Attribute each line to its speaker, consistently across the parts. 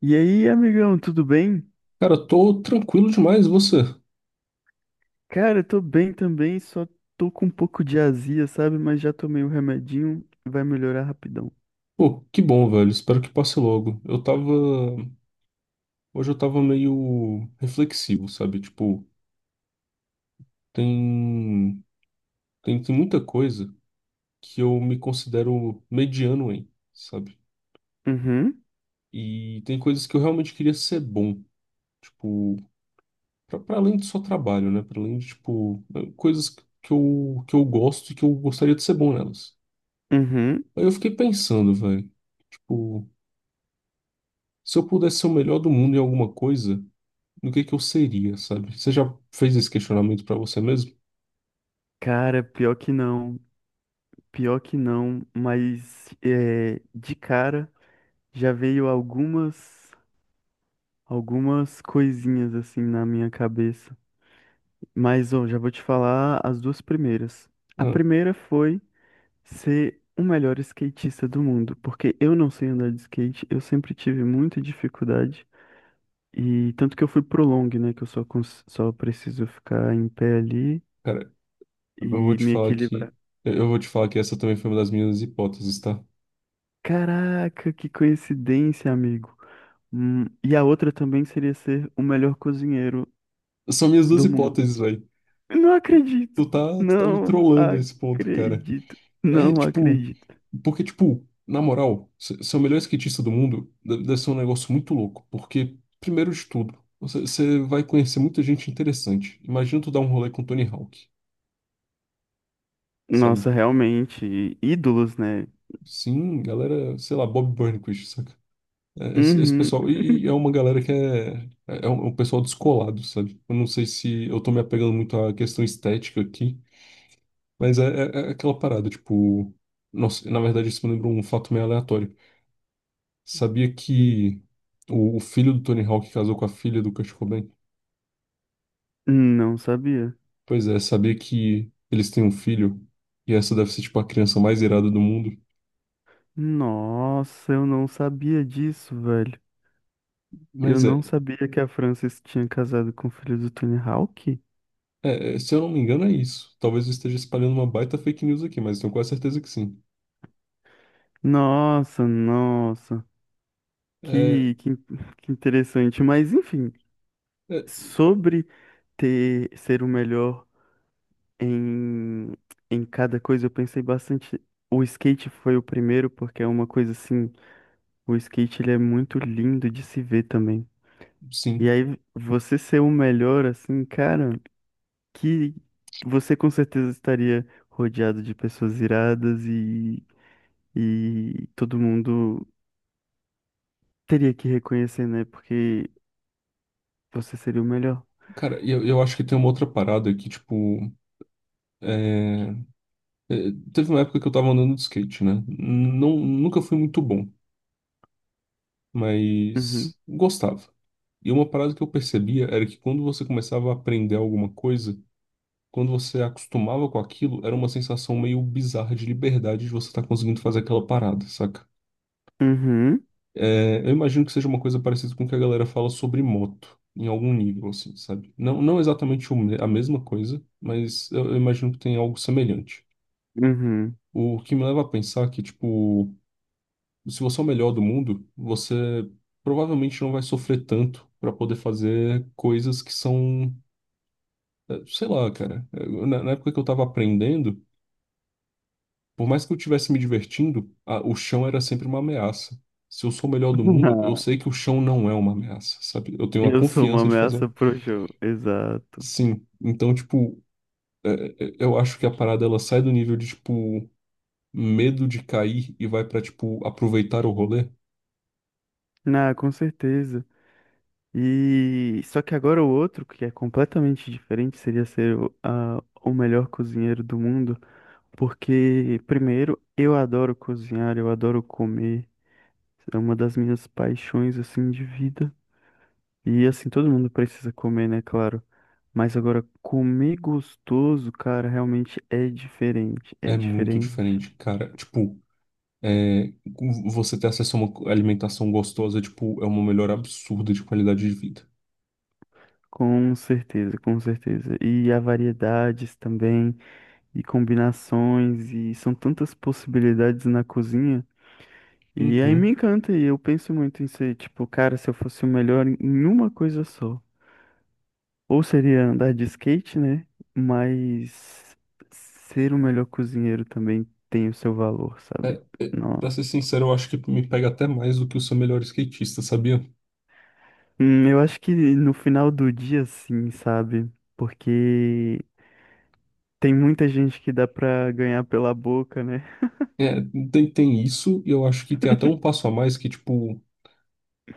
Speaker 1: E aí, amigão, tudo bem?
Speaker 2: Cara, eu tô tranquilo demais, e você?
Speaker 1: Cara, eu tô bem também, só tô com um pouco de azia, sabe? Mas já tomei o remedinho, vai melhorar rapidão.
Speaker 2: Pô, que bom, velho. Espero que passe logo. Eu tava. Hoje eu tava meio reflexivo, sabe? Tipo, tem. Tem, tem muita coisa que eu me considero mediano em, sabe?
Speaker 1: Uhum,
Speaker 2: E tem coisas que eu realmente queria ser bom. Tipo, pra além do só trabalho, né? Pra além de, tipo, coisas que eu gosto e que eu gostaria de ser bom nelas.
Speaker 1: uhum.
Speaker 2: Aí eu fiquei pensando, velho. Tipo, se eu pudesse ser o melhor do mundo em alguma coisa, do que é que eu seria, sabe? Você já fez esse questionamento pra você mesmo?
Speaker 1: Cara, pior que não, mas é, de cara já veio algumas coisinhas assim na minha cabeça. Mas, ó, já vou te falar as duas primeiras. A
Speaker 2: Ah,
Speaker 1: primeira foi ser o melhor skatista do mundo, porque eu não sei andar de skate, eu sempre tive muita dificuldade, e tanto que eu fui pro long, né, que eu só, só preciso ficar em pé ali
Speaker 2: cara, eu vou
Speaker 1: e
Speaker 2: te
Speaker 1: me
Speaker 2: falar que
Speaker 1: equilibrar.
Speaker 2: eu vou te falar que essa também foi uma das minhas hipóteses, tá?
Speaker 1: Caraca, que coincidência, amigo. E a outra também seria ser o melhor cozinheiro
Speaker 2: São minhas duas
Speaker 1: do mundo.
Speaker 2: hipóteses, velho.
Speaker 1: Não acredito,
Speaker 2: Tu tá me
Speaker 1: não
Speaker 2: trollando nesse ponto, cara.
Speaker 1: acredito,
Speaker 2: É,
Speaker 1: não
Speaker 2: tipo,
Speaker 1: acredito.
Speaker 2: porque tipo, na moral, ser o melhor skatista do mundo deve ser um negócio muito louco, porque primeiro de tudo, você vai conhecer muita gente interessante. Imagina tu dar um rolê com Tony Hawk,
Speaker 1: Nossa,
Speaker 2: sabe?
Speaker 1: realmente, ídolos, né?
Speaker 2: Sim, galera, sei lá, Bob Burnquist, saca? É, esse
Speaker 1: Uhum.
Speaker 2: pessoal, e é uma galera que é, é um pessoal descolado, sabe? Eu não sei se eu tô me apegando muito à questão estética aqui, mas é, é aquela parada, tipo, nossa, na verdade isso me lembra um fato meio aleatório. Sabia que o filho do Tony Hawk casou com a filha do Kurt Cobain?
Speaker 1: Não sabia.
Speaker 2: Pois é, sabia que eles têm um filho, e essa deve ser, tipo, a criança mais irada do mundo.
Speaker 1: Nossa, eu não sabia disso, velho. Eu
Speaker 2: Mas
Speaker 1: não sabia que a Frances tinha casado com o filho do Tony Hawk.
Speaker 2: se eu não me engano é isso. Talvez eu esteja espalhando uma baita fake news aqui, mas tenho quase certeza que sim.
Speaker 1: Nossa, nossa.
Speaker 2: É,
Speaker 1: Que, que, que interessante. Mas, enfim,
Speaker 2: é,
Speaker 1: sobre ser o melhor em, em cada coisa, eu pensei bastante. O skate foi o primeiro, porque é uma coisa assim. O skate, ele é muito lindo de se ver também. E
Speaker 2: sim.
Speaker 1: aí, você ser o melhor, assim, cara. Que você com certeza estaria rodeado de pessoas iradas e todo mundo teria que reconhecer, né? Porque você seria o melhor.
Speaker 2: Cara, eu acho que tem uma outra parada que, tipo, é, é, teve uma época que eu tava andando de skate, né? Não, nunca fui muito bom,
Speaker 1: Uhum.
Speaker 2: mas gostava. E uma parada que eu percebia era que quando você começava a aprender alguma coisa, quando você acostumava com aquilo, era uma sensação meio bizarra de liberdade de você estar conseguindo fazer aquela parada, saca?
Speaker 1: Uhum.
Speaker 2: É, eu imagino que seja uma coisa parecida com o que a galera fala sobre moto, em algum nível, assim, sabe? Não, não exatamente a mesma coisa, mas eu imagino que tem algo semelhante.
Speaker 1: Uhum.
Speaker 2: O que me leva a pensar que, tipo, se você é o melhor do mundo, você provavelmente não vai sofrer tanto para poder fazer coisas que são, sei lá, cara. Na época que eu tava aprendendo, por mais que eu estivesse me divertindo, o chão era sempre uma ameaça. Se eu sou o melhor do mundo, eu sei que o chão não é uma ameaça, sabe? Eu tenho a
Speaker 1: Eu sou uma
Speaker 2: confiança de fazer.
Speaker 1: ameaça
Speaker 2: Um,
Speaker 1: pro show. Exato.
Speaker 2: Sim. Então, tipo, eu acho que a parada ela sai do nível de, tipo, medo de cair e vai pra, tipo, aproveitar o rolê.
Speaker 1: Ah, com certeza. E só que agora o outro, que é completamente diferente, seria ser o melhor cozinheiro do mundo. Porque, primeiro, eu adoro cozinhar, eu adoro comer. É uma das minhas paixões, assim, de vida. E, assim, todo mundo precisa comer, né? Claro. Mas agora, comer gostoso, cara, realmente é diferente. É
Speaker 2: É muito
Speaker 1: diferente.
Speaker 2: diferente, cara. Tipo, é, você ter acesso a uma alimentação gostosa, tipo, é uma melhora absurda de qualidade de vida.
Speaker 1: Com certeza, com certeza. E há variedades também, e combinações, e são tantas possibilidades na cozinha. E aí me
Speaker 2: Uhum.
Speaker 1: encanta, e eu penso muito em ser, tipo, cara, se eu fosse o melhor em uma coisa só. Ou seria andar de skate, né? Mas ser o melhor cozinheiro também tem o seu valor, sabe?
Speaker 2: É, pra
Speaker 1: Nossa.
Speaker 2: ser sincero, eu acho que me pega até mais do que o seu melhor skatista, sabia?
Speaker 1: Eu acho que no final do dia, sim, sabe? Porque tem muita gente que dá pra ganhar pela boca, né?
Speaker 2: É, tem isso, e eu acho que tem até um passo a mais que, tipo,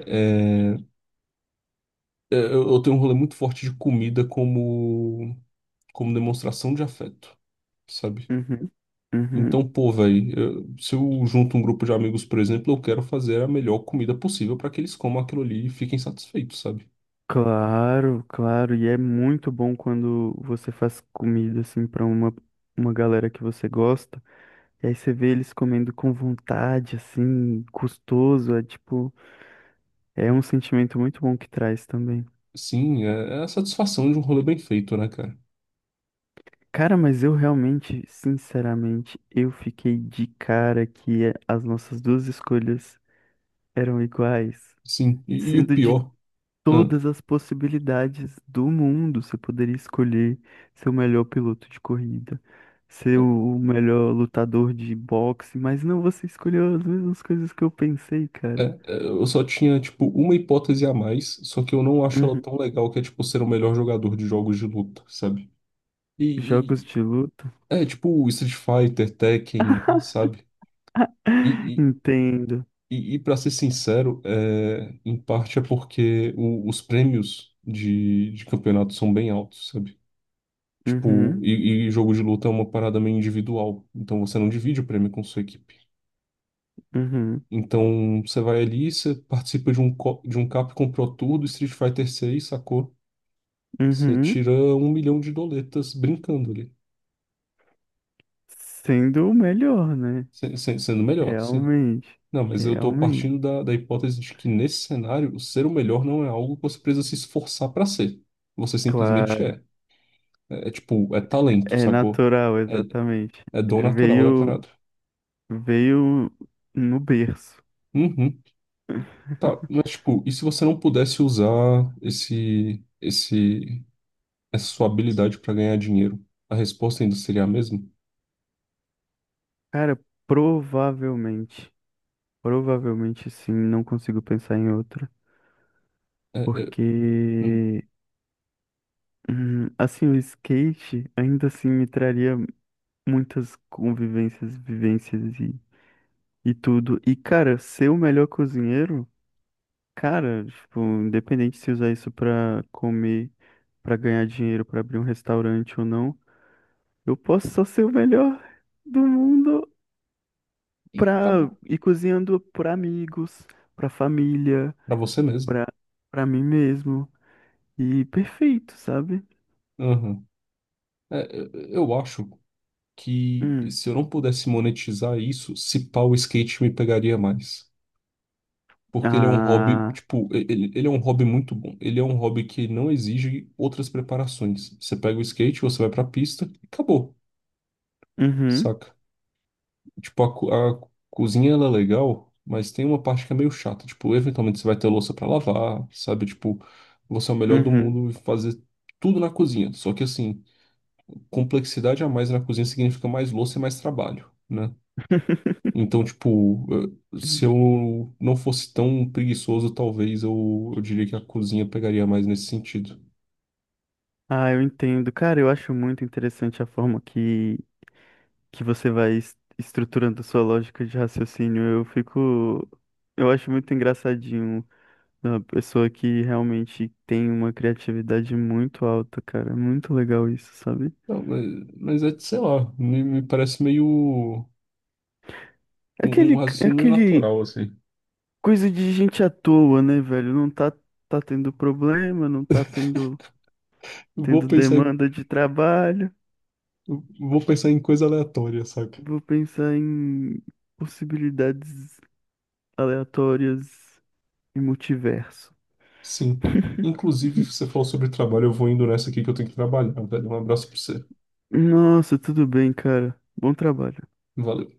Speaker 2: é, eu tenho um rolê muito forte de comida como, como demonstração de afeto, sabe?
Speaker 1: Uhum. Uhum.
Speaker 2: Então, pô, velho, se eu junto um grupo de amigos, por exemplo, eu quero fazer a melhor comida possível para que eles comam aquilo ali e fiquem satisfeitos, sabe?
Speaker 1: Claro, claro. E é muito bom quando você faz comida, assim, uma galera que você gosta. E aí você vê eles comendo com vontade, assim, custoso. É tipo. É um sentimento muito bom que traz também.
Speaker 2: Sim, é, é a satisfação de um rolê bem feito, né, cara?
Speaker 1: Cara, mas eu realmente, sinceramente, eu fiquei de cara que é, as nossas duas escolhas eram iguais,
Speaker 2: Sim, e o
Speaker 1: sendo de
Speaker 2: pior, hã,
Speaker 1: todas as possibilidades do mundo, você poderia escolher ser o melhor piloto de corrida, ser o melhor lutador de boxe, mas não, você escolheu as mesmas coisas que eu pensei,
Speaker 2: é,
Speaker 1: cara.
Speaker 2: é, eu só tinha, tipo, uma hipótese a mais, só que eu não acho ela
Speaker 1: Uhum.
Speaker 2: tão legal, que é, tipo, ser o melhor jogador de jogos de luta, sabe? E,
Speaker 1: Jogos
Speaker 2: e-
Speaker 1: de luta.
Speaker 2: é, tipo, Street Fighter, Tekken, sabe? e
Speaker 1: Entendo.
Speaker 2: Para ser sincero, é, em parte é porque os prêmios de campeonato são bem altos, sabe? Tipo,
Speaker 1: Uhum,
Speaker 2: e jogo de luta é uma parada meio individual, então você não divide o prêmio com sua equipe.
Speaker 1: uhum,
Speaker 2: Então você vai ali, você participa de um, de um Capcom Pro Tour do Street Fighter 6, sacou? Você
Speaker 1: uhum.
Speaker 2: tira um milhão de doletas brincando ali,
Speaker 1: Sendo o melhor, né?
Speaker 2: sendo melhor.
Speaker 1: Realmente.
Speaker 2: Não, mas eu estou
Speaker 1: Realmente.
Speaker 2: partindo da, da hipótese de que nesse cenário, ser o melhor não é algo que você precisa se esforçar para ser. Você simplesmente
Speaker 1: Claro.
Speaker 2: é. É, é tipo, é talento,
Speaker 1: É
Speaker 2: sacou?
Speaker 1: natural,
Speaker 2: É,
Speaker 1: exatamente.
Speaker 2: é dom natural da
Speaker 1: Veio,
Speaker 2: parada.
Speaker 1: veio no berço.
Speaker 2: Uhum. Tá, mas tipo, e se você não pudesse usar essa sua habilidade para ganhar dinheiro? A resposta ainda seria a mesma?
Speaker 1: Cara, provavelmente, provavelmente sim, não consigo pensar em outra,
Speaker 2: É, é, hum.
Speaker 1: porque assim, o skate ainda assim me traria muitas convivências, vivências e tudo. E cara, ser o melhor cozinheiro. Cara, tipo, independente se usar isso pra comer, pra ganhar dinheiro, pra abrir um restaurante ou não, eu posso só ser o melhor do mundo
Speaker 2: E
Speaker 1: pra
Speaker 2: acabou.
Speaker 1: ir cozinhando pra amigos, pra família,
Speaker 2: Para você mesmo.
Speaker 1: pra, pra mim mesmo. E perfeito, sabe?
Speaker 2: Uhum. É, é, eu acho que
Speaker 1: Hum.
Speaker 2: se eu não pudesse monetizar isso, se pá, o skate me pegaria mais. Porque ele é um hobby,
Speaker 1: Ah.
Speaker 2: tipo, ele é um hobby muito bom. Ele é um hobby que não exige outras preparações. Você pega o skate, você vai pra pista e acabou,
Speaker 1: Uhum.
Speaker 2: saca? Tipo, a cozinha ela é legal, mas tem uma parte que é meio chata. Tipo, eventualmente você vai ter louça pra lavar, sabe? Tipo, você é o melhor do
Speaker 1: Uhum.
Speaker 2: mundo e fazer tudo na cozinha. Só que assim, complexidade a mais na cozinha significa mais louça e mais trabalho, né? Então, tipo, se eu não fosse tão preguiçoso, talvez eu diria que a cozinha pegaria mais nesse sentido.
Speaker 1: Ah, eu entendo. Cara, eu acho muito interessante a forma que você vai estruturando a sua lógica de raciocínio. Eu fico. Eu acho muito engraçadinho uma pessoa que realmente tem uma criatividade muito alta, cara. É muito legal isso, sabe?
Speaker 2: Não, mas é, sei lá, me parece meio um,
Speaker 1: É
Speaker 2: um raciocínio meio
Speaker 1: Aquele
Speaker 2: natural, assim.
Speaker 1: coisa de gente à toa, né, velho? Não tá, tá tendo problema, não tá tendo,
Speaker 2: Eu Vou
Speaker 1: tendo
Speaker 2: pensar em,
Speaker 1: demanda de trabalho.
Speaker 2: eu vou pensar em coisa aleatória, saca?
Speaker 1: Vou pensar em possibilidades aleatórias e multiverso.
Speaker 2: Sim. Inclusive, você falou sobre trabalho, eu vou indo nessa aqui que eu tenho que trabalhar, velho. Um abraço pra você.
Speaker 1: Nossa, tudo bem, cara. Bom trabalho.
Speaker 2: Valeu.